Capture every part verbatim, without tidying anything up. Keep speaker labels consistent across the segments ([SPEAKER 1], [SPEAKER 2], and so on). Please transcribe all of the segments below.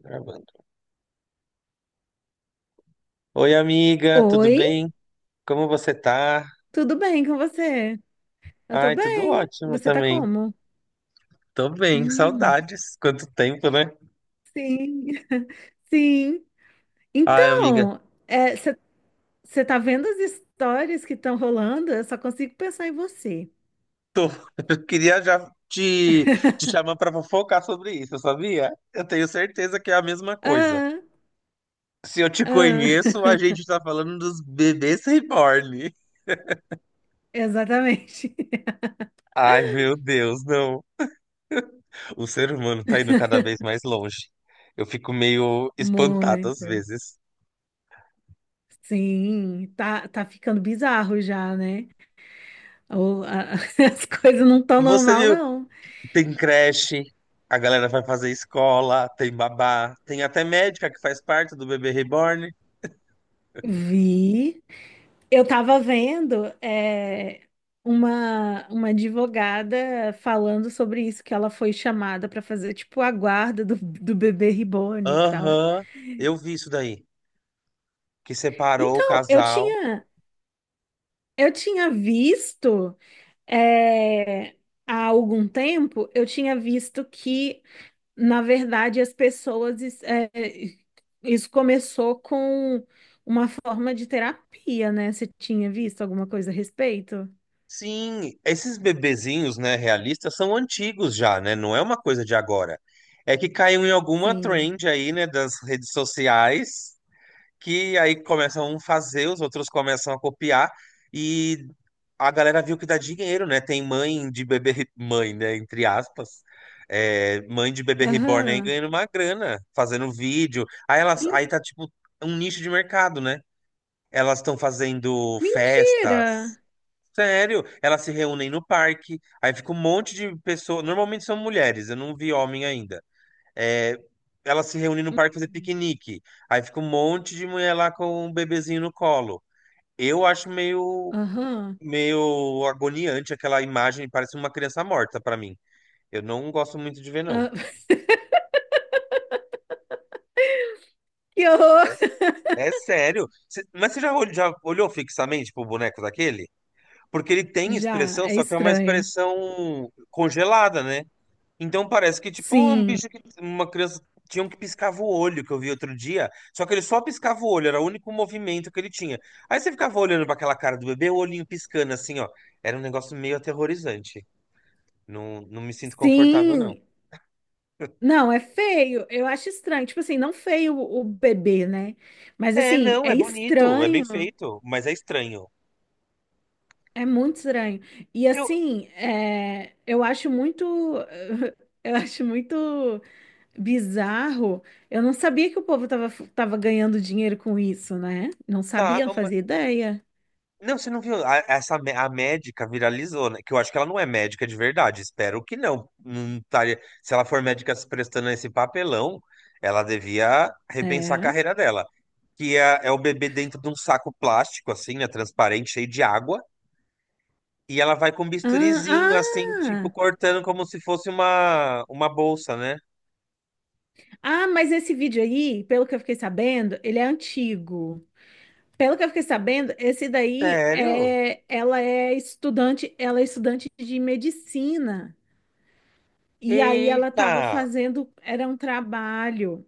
[SPEAKER 1] Gravando. Oi, amiga, tudo
[SPEAKER 2] Oi,
[SPEAKER 1] bem? Como você tá?
[SPEAKER 2] tudo bem com você? Eu tô
[SPEAKER 1] Ai, tudo
[SPEAKER 2] bem.
[SPEAKER 1] ótimo
[SPEAKER 2] Você tá
[SPEAKER 1] também.
[SPEAKER 2] como?
[SPEAKER 1] Tô bem,
[SPEAKER 2] Hum,
[SPEAKER 1] saudades. Quanto tempo, né?
[SPEAKER 2] sim, sim.
[SPEAKER 1] Ai, amiga,
[SPEAKER 2] Então, você tá vendo as histórias que estão rolando? Eu só consigo pensar em você.
[SPEAKER 1] tô. Eu queria já te, te chamar pra fofocar sobre isso, sabia? Eu tenho certeza que é a mesma coisa.
[SPEAKER 2] Ah,
[SPEAKER 1] Se eu te
[SPEAKER 2] ah,
[SPEAKER 1] conheço, a gente tá falando dos bebês reborn.
[SPEAKER 2] exatamente.
[SPEAKER 1] Ai, meu Deus, não. O ser humano tá indo cada vez mais longe. Eu fico meio espantado às
[SPEAKER 2] Muito.
[SPEAKER 1] vezes.
[SPEAKER 2] Sim, tá, tá ficando bizarro já, né? Ou, a- as coisas não estão normal,
[SPEAKER 1] Você
[SPEAKER 2] não.
[SPEAKER 1] tem creche, a galera vai fazer escola, tem babá, tem até médica que faz parte do bebê reborn.
[SPEAKER 2] Vi. Eu estava vendo é, uma, uma advogada falando sobre isso, que ela foi chamada para fazer tipo a guarda do, do bebê reborn e tal.
[SPEAKER 1] Aham, eu vi isso daí, que separou o
[SPEAKER 2] Então, eu
[SPEAKER 1] casal.
[SPEAKER 2] tinha, eu tinha visto é, há algum tempo, eu tinha visto que, na verdade, as pessoas es- é, isso começou com uma forma de terapia, né? Você tinha visto alguma coisa a respeito?
[SPEAKER 1] Sim, esses bebezinhos, né, realistas, são antigos já, né? Não é uma coisa de agora. É que caiu em alguma
[SPEAKER 2] Sim.
[SPEAKER 1] trend aí, né, das redes sociais. Que aí começam a um fazer, os outros começam a copiar e a galera viu que dá dinheiro, né? Tem mãe de bebê, re- mãe, né? Entre aspas. É, mãe de bebê reborn aí
[SPEAKER 2] Aham.
[SPEAKER 1] ganhando uma grana, fazendo vídeo. Aí elas, aí tá tipo um nicho de mercado, né? Elas estão fazendo festas.
[SPEAKER 2] Mentira!
[SPEAKER 1] Sério, elas se reúnem no parque, aí fica um monte de pessoas. Normalmente são mulheres, eu não vi homem ainda. É, ela se reúne no parque fazer piquenique. Aí fica um monte de mulher lá com um bebezinho no colo. Eu acho meio,
[SPEAKER 2] Aham.
[SPEAKER 1] meio agoniante aquela imagem, parece uma criança morta pra mim. Eu não gosto muito de ver, não.
[SPEAKER 2] Ah, que horror!
[SPEAKER 1] É, é sério. Cê- mas você já, ol- já olhou fixamente pro boneco daquele? Porque ele tem
[SPEAKER 2] Já,
[SPEAKER 1] expressão,
[SPEAKER 2] é
[SPEAKER 1] só que é uma
[SPEAKER 2] estranho.
[SPEAKER 1] expressão congelada, né? Então parece que, tipo, um
[SPEAKER 2] Sim,
[SPEAKER 1] bicho que uma criança tinha um que piscava o olho, que eu vi outro dia. Só que ele só piscava o olho, era o único movimento que ele tinha. Aí você ficava olhando pra aquela cara do bebê, o olhinho piscando assim, ó. Era um negócio meio aterrorizante. Não, não me sinto confortável, não.
[SPEAKER 2] sim. Não, é feio. Eu acho estranho. Tipo assim, não feio o o bebê, né? Mas
[SPEAKER 1] É,
[SPEAKER 2] assim,
[SPEAKER 1] não,
[SPEAKER 2] é
[SPEAKER 1] é bonito, é bem
[SPEAKER 2] estranho.
[SPEAKER 1] feito, mas é estranho.
[SPEAKER 2] É muito estranho. E
[SPEAKER 1] Eu,
[SPEAKER 2] assim, é, eu acho muito. Eu acho muito bizarro. Eu não sabia que o povo tava, tava ganhando dinheiro com isso, né? Não
[SPEAKER 1] tá,
[SPEAKER 2] sabia, não fazia ideia.
[SPEAKER 1] não, você não viu? A, essa, mé- a médica viralizou, né? Que eu acho que ela não é médica de verdade. Espero que não. Não estaria- se ela for médica se prestando a esse papelão, ela devia repensar a
[SPEAKER 2] É.
[SPEAKER 1] carreira dela. Que é, é o bebê dentro de um saco plástico, assim, né? Transparente, cheio de água. E ela vai com um
[SPEAKER 2] Ah,
[SPEAKER 1] bisturizinho, assim, tipo,
[SPEAKER 2] ah,
[SPEAKER 1] cortando como se fosse uma, uma bolsa, né?
[SPEAKER 2] ah, mas esse vídeo aí, pelo que eu fiquei sabendo, ele é antigo. Pelo que eu fiquei sabendo, esse daí
[SPEAKER 1] Sério?
[SPEAKER 2] é, ela é estudante, ela é estudante de medicina. E aí ela estava
[SPEAKER 1] Eita!
[SPEAKER 2] fazendo, era um trabalho,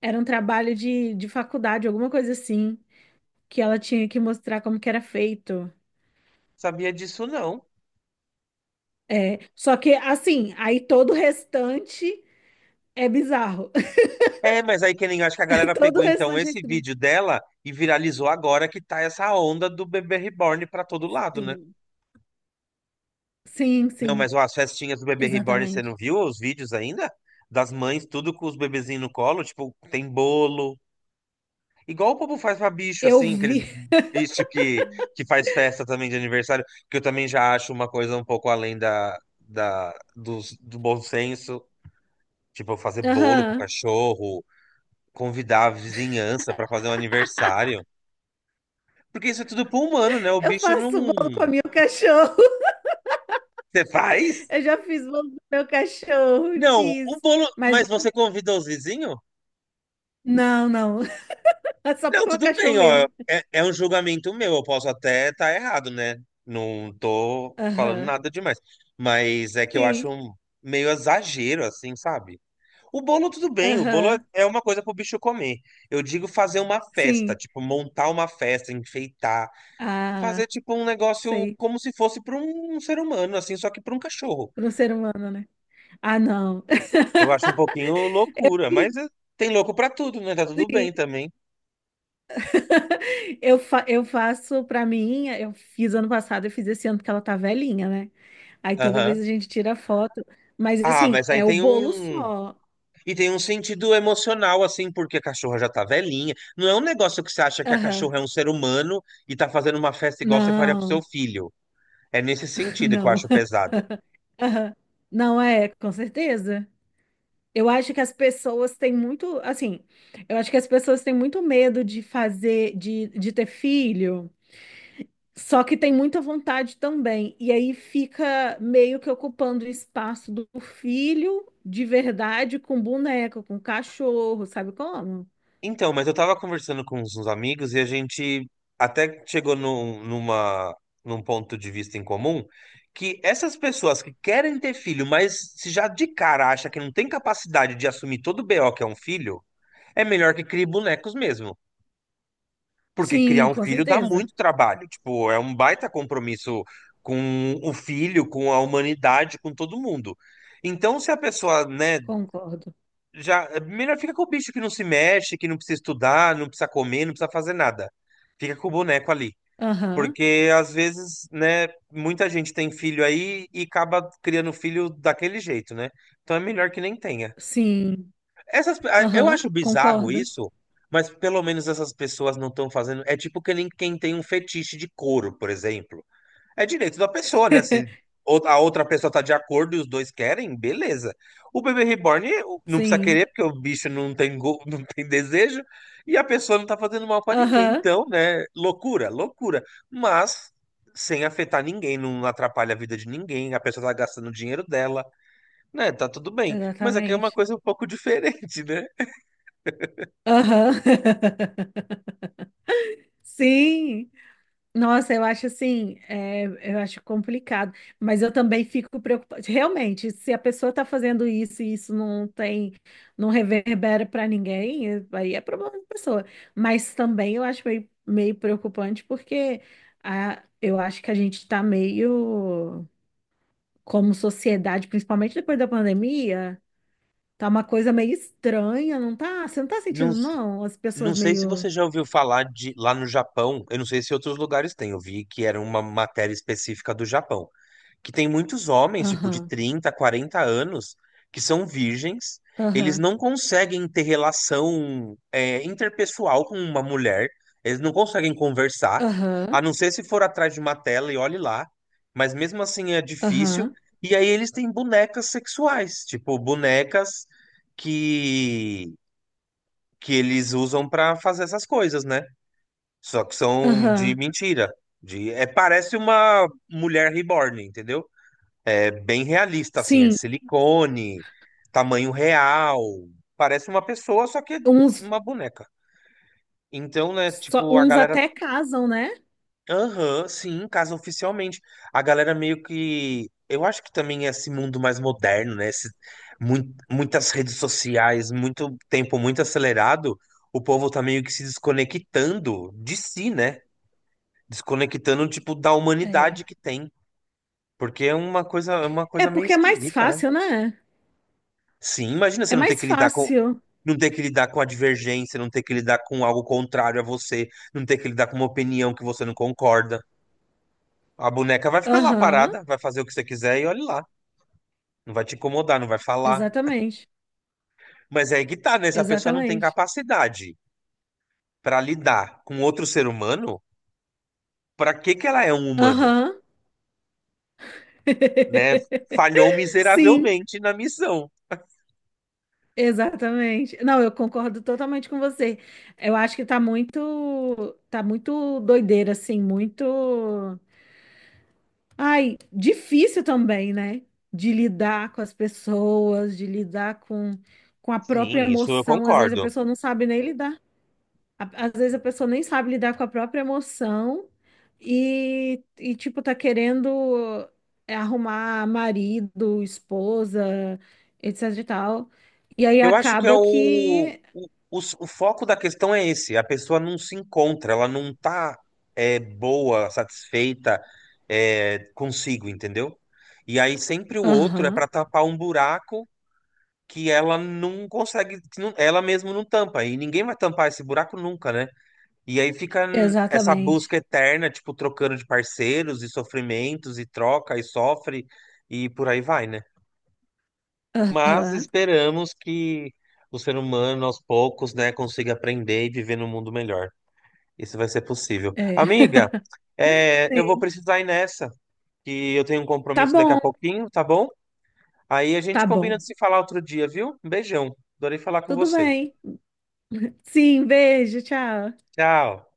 [SPEAKER 2] era um trabalho de, de faculdade, alguma coisa assim, que ela tinha que mostrar como que era feito.
[SPEAKER 1] Sabia disso não.
[SPEAKER 2] É, só que assim, aí todo o restante é bizarro.
[SPEAKER 1] É, mas aí que nem acho que a galera
[SPEAKER 2] Todo o
[SPEAKER 1] pegou então
[SPEAKER 2] restante é
[SPEAKER 1] esse
[SPEAKER 2] estranho.
[SPEAKER 1] vídeo dela e viralizou agora que tá essa onda do bebê reborn pra todo lado, né?
[SPEAKER 2] Sim, sim,
[SPEAKER 1] Não,
[SPEAKER 2] sim,
[SPEAKER 1] mas ó, as festinhas do bebê reborn, você não
[SPEAKER 2] exatamente.
[SPEAKER 1] viu os vídeos ainda? Das mães, tudo com os bebezinhos no colo, tipo, tem bolo. Igual o povo faz pra bicho,
[SPEAKER 2] Eu
[SPEAKER 1] assim, aqueles
[SPEAKER 2] vi.
[SPEAKER 1] bichos que, que faz festa também de aniversário, que eu também já acho uma coisa um pouco além da, da, dos- do bom senso. Tipo, fazer bolo pro
[SPEAKER 2] Aham.
[SPEAKER 1] cachorro, convidar a vizinhança pra fazer um aniversário. Porque isso é tudo pro humano, né? O
[SPEAKER 2] Eu
[SPEAKER 1] bicho não.
[SPEAKER 2] faço bolo com o meu cachorro.
[SPEAKER 1] Você faz?
[SPEAKER 2] Eu já fiz bolo com o meu cachorro.
[SPEAKER 1] Não, o
[SPEAKER 2] Fiz.
[SPEAKER 1] bolo.
[SPEAKER 2] Mas
[SPEAKER 1] Mas você convida os vizinhos?
[SPEAKER 2] não, não. É só
[SPEAKER 1] Não,
[SPEAKER 2] porque é um
[SPEAKER 1] tudo
[SPEAKER 2] cachorro
[SPEAKER 1] bem, ó.
[SPEAKER 2] meu.
[SPEAKER 1] É, é um julgamento meu, eu posso até estar errado, né? Não tô falando
[SPEAKER 2] Aham.
[SPEAKER 1] nada demais. Mas é que eu
[SPEAKER 2] Sim.
[SPEAKER 1] acho um meio exagero, assim, sabe? O bolo, tudo bem, o bolo é
[SPEAKER 2] Aham.
[SPEAKER 1] é uma coisa pro bicho comer. Eu digo fazer uma festa,
[SPEAKER 2] Sim.
[SPEAKER 1] tipo, montar uma festa, enfeitar. Fazer,
[SPEAKER 2] Ah,
[SPEAKER 1] tipo, um negócio
[SPEAKER 2] sei.
[SPEAKER 1] como se fosse para um ser humano, assim, só que para um cachorro.
[SPEAKER 2] Para um ser humano, né? Ah, não.
[SPEAKER 1] Eu acho um pouquinho loucura,
[SPEAKER 2] Fiz.
[SPEAKER 1] mas é, tem louco pra tudo, né? Tá tudo
[SPEAKER 2] Sim.
[SPEAKER 1] bem também.
[SPEAKER 2] Eu, fa eu faço pra mim. Eu fiz ano passado, eu fiz esse ano porque ela tá velhinha, né? Aí toda vez
[SPEAKER 1] Aham.
[SPEAKER 2] a gente tira foto. Mas
[SPEAKER 1] Ah,
[SPEAKER 2] assim,
[SPEAKER 1] mas
[SPEAKER 2] é
[SPEAKER 1] aí
[SPEAKER 2] o
[SPEAKER 1] tem
[SPEAKER 2] bolo
[SPEAKER 1] um.
[SPEAKER 2] só.
[SPEAKER 1] E tem um sentido emocional, assim, porque a cachorra já tá velhinha. Não é um negócio que você acha que a
[SPEAKER 2] Aham.
[SPEAKER 1] cachorra é um ser humano e tá fazendo uma festa igual você faria pro seu
[SPEAKER 2] Não,
[SPEAKER 1] filho. É nesse sentido que eu
[SPEAKER 2] não.
[SPEAKER 1] acho pesado.
[SPEAKER 2] Aham. Não é, com certeza. Eu acho que as pessoas têm muito, assim, eu acho que as pessoas têm muito medo de fazer, de, de ter filho, só que tem muita vontade também. E aí fica meio que ocupando o espaço do filho de verdade com boneco, com cachorro, sabe como?
[SPEAKER 1] Então, mas eu tava conversando com uns uns amigos e a gente até chegou num, numa, num ponto de vista em comum que essas pessoas que querem ter filho, mas se já de cara acha que não tem capacidade de assumir todo o B O que é um filho, é melhor que crie bonecos mesmo. Porque criar
[SPEAKER 2] Sim,
[SPEAKER 1] um
[SPEAKER 2] com
[SPEAKER 1] filho dá
[SPEAKER 2] certeza.
[SPEAKER 1] muito trabalho. Tipo, é um baita compromisso com o filho, com a humanidade, com todo mundo. Então, se a pessoa, né,
[SPEAKER 2] Concordo.
[SPEAKER 1] já, melhor fica com o bicho que não se mexe, que não precisa estudar, não precisa comer, não precisa fazer nada. Fica com o boneco ali.
[SPEAKER 2] Aham.
[SPEAKER 1] Porque às vezes, né, muita gente tem filho aí e acaba criando filho daquele jeito, né? Então é melhor que nem tenha.
[SPEAKER 2] Sim.
[SPEAKER 1] Essas, ah, eu
[SPEAKER 2] Aham.
[SPEAKER 1] acho bizarro
[SPEAKER 2] Concordo.
[SPEAKER 1] isso, mas pelo menos essas pessoas não estão fazendo. É tipo que nem quem tem um fetiche de couro, por exemplo. É direito da pessoa, né? Se ou- a outra pessoa tá de acordo e os dois querem, beleza. O bebê reborn eh, o- não precisa
[SPEAKER 2] Sim.
[SPEAKER 1] querer, porque o bicho não tem, go- não tem desejo, e a pessoa não tá fazendo mal pra ninguém.
[SPEAKER 2] Aham.
[SPEAKER 1] Então, né? Loucura, loucura. Mas sem afetar ninguém, não atrapalha a vida de ninguém, a pessoa tá gastando o dinheiro dela, né? Tá tudo bem. Mas aqui é uma
[SPEAKER 2] Exatamente.
[SPEAKER 1] coisa um pouco diferente, né?
[SPEAKER 2] Aham. Sim. Nossa, eu acho assim, é, eu acho complicado, mas eu também fico preocupada. Realmente, se a pessoa está fazendo isso e isso não tem, não reverbera para ninguém, é- aí é problema da pessoa. Mas também eu acho meio, meio preocupante porque a, eu acho que a gente está meio, como sociedade, principalmente depois da pandemia, tá uma coisa meio estranha, não tá? Você não tá
[SPEAKER 1] Não,
[SPEAKER 2] sentindo,
[SPEAKER 1] s-
[SPEAKER 2] não? As
[SPEAKER 1] não
[SPEAKER 2] pessoas
[SPEAKER 1] sei se
[SPEAKER 2] meio.
[SPEAKER 1] você já ouviu falar de lá no Japão, eu não sei se outros lugares têm, eu vi que era uma matéria específica do Japão. Que tem muitos homens, tipo, de
[SPEAKER 2] Aham,
[SPEAKER 1] trinta, quarenta anos, que são virgens, eles
[SPEAKER 2] aham,
[SPEAKER 1] não conseguem ter relação, é, interpessoal com uma mulher, eles não conseguem conversar,
[SPEAKER 2] aham,
[SPEAKER 1] a não ser se for atrás de uma tela e olhe lá, mas mesmo assim é difícil.
[SPEAKER 2] aham,
[SPEAKER 1] E aí eles têm bonecas sexuais, tipo, bonecas que, que eles usam pra fazer essas coisas, né? Só que são de
[SPEAKER 2] aham.
[SPEAKER 1] mentira. De, é, parece uma mulher reborn, entendeu? É bem realista, assim, é de
[SPEAKER 2] Sim,
[SPEAKER 1] silicone, tamanho real. Parece uma pessoa, só que é
[SPEAKER 2] uns,
[SPEAKER 1] uma boneca. Então, né,
[SPEAKER 2] só,
[SPEAKER 1] tipo, a
[SPEAKER 2] uns
[SPEAKER 1] galera.
[SPEAKER 2] até casam, né?
[SPEAKER 1] Aham, sim, casa oficialmente. A galera meio que. Eu acho que também é esse mundo mais moderno, né? Esse mui- muitas redes sociais, muito tempo muito acelerado. O povo tá meio que se desconectando de si, né? Desconectando, tipo, da
[SPEAKER 2] É.
[SPEAKER 1] humanidade que tem. Porque é uma coisa, é uma
[SPEAKER 2] É
[SPEAKER 1] coisa meio
[SPEAKER 2] porque é mais
[SPEAKER 1] esquisita, né?
[SPEAKER 2] fácil, né?
[SPEAKER 1] Sim, imagina
[SPEAKER 2] É
[SPEAKER 1] você não ter
[SPEAKER 2] mais
[SPEAKER 1] que lidar com.
[SPEAKER 2] fácil.
[SPEAKER 1] Não ter que lidar com a divergência, não ter que lidar com algo contrário a você, não ter que lidar com uma opinião que você não concorda. A boneca vai ficar lá
[SPEAKER 2] Aham,
[SPEAKER 1] parada, vai fazer o que você quiser e olhe lá. Não vai te incomodar, não vai falar.
[SPEAKER 2] exatamente,
[SPEAKER 1] Mas é aí é que tá, né? Se a pessoa não tem
[SPEAKER 2] exatamente.
[SPEAKER 1] capacidade para lidar com outro ser humano, para que que ela é um humano,
[SPEAKER 2] Aham.
[SPEAKER 1] né? Falhou
[SPEAKER 2] Sim,
[SPEAKER 1] miseravelmente na missão.
[SPEAKER 2] exatamente. Não, eu concordo totalmente com você. Eu acho que tá muito, tá muito doideira, assim, muito. Ai, difícil também, né? De lidar com as pessoas, de lidar com, com a
[SPEAKER 1] Sim,
[SPEAKER 2] própria
[SPEAKER 1] isso eu
[SPEAKER 2] emoção. Às vezes a
[SPEAKER 1] concordo.
[SPEAKER 2] pessoa não sabe nem lidar. A- Às vezes a pessoa nem sabe lidar com a própria emoção e, e tipo, tá querendo é, arrumar marido, esposa, etc e tal. E aí
[SPEAKER 1] Eu acho que é
[SPEAKER 2] acaba
[SPEAKER 1] o,
[SPEAKER 2] que.
[SPEAKER 1] o, o, s- o foco da questão é esse. A pessoa não se encontra, ela não tá é, boa, satisfeita é, consigo, entendeu? E aí sempre o outro é
[SPEAKER 2] Aham,
[SPEAKER 1] para tapar um buraco que ela não consegue, que não- ela mesma não tampa. E ninguém vai tampar esse buraco nunca, né? E aí fica hum, essa
[SPEAKER 2] exatamente.
[SPEAKER 1] busca eterna, tipo, trocando de parceiros e sofrimentos e troca e sofre e por aí vai, né? Mas
[SPEAKER 2] Aham,
[SPEAKER 1] esperamos que o ser humano, aos poucos, né, consiga aprender e viver num mundo melhor. Isso vai ser possível.
[SPEAKER 2] é.
[SPEAKER 1] Amiga, é, eu vou
[SPEAKER 2] Sim.
[SPEAKER 1] precisar ir nessa, que eu tenho um
[SPEAKER 2] Tá
[SPEAKER 1] compromisso daqui a
[SPEAKER 2] bom,
[SPEAKER 1] pouquinho, tá bom? Aí a gente
[SPEAKER 2] tá
[SPEAKER 1] combina
[SPEAKER 2] bom.
[SPEAKER 1] de se falar outro dia, viu? Um beijão. Adorei falar com
[SPEAKER 2] Tudo
[SPEAKER 1] você.
[SPEAKER 2] bem. Sim, beijo, tchau.
[SPEAKER 1] Tchau.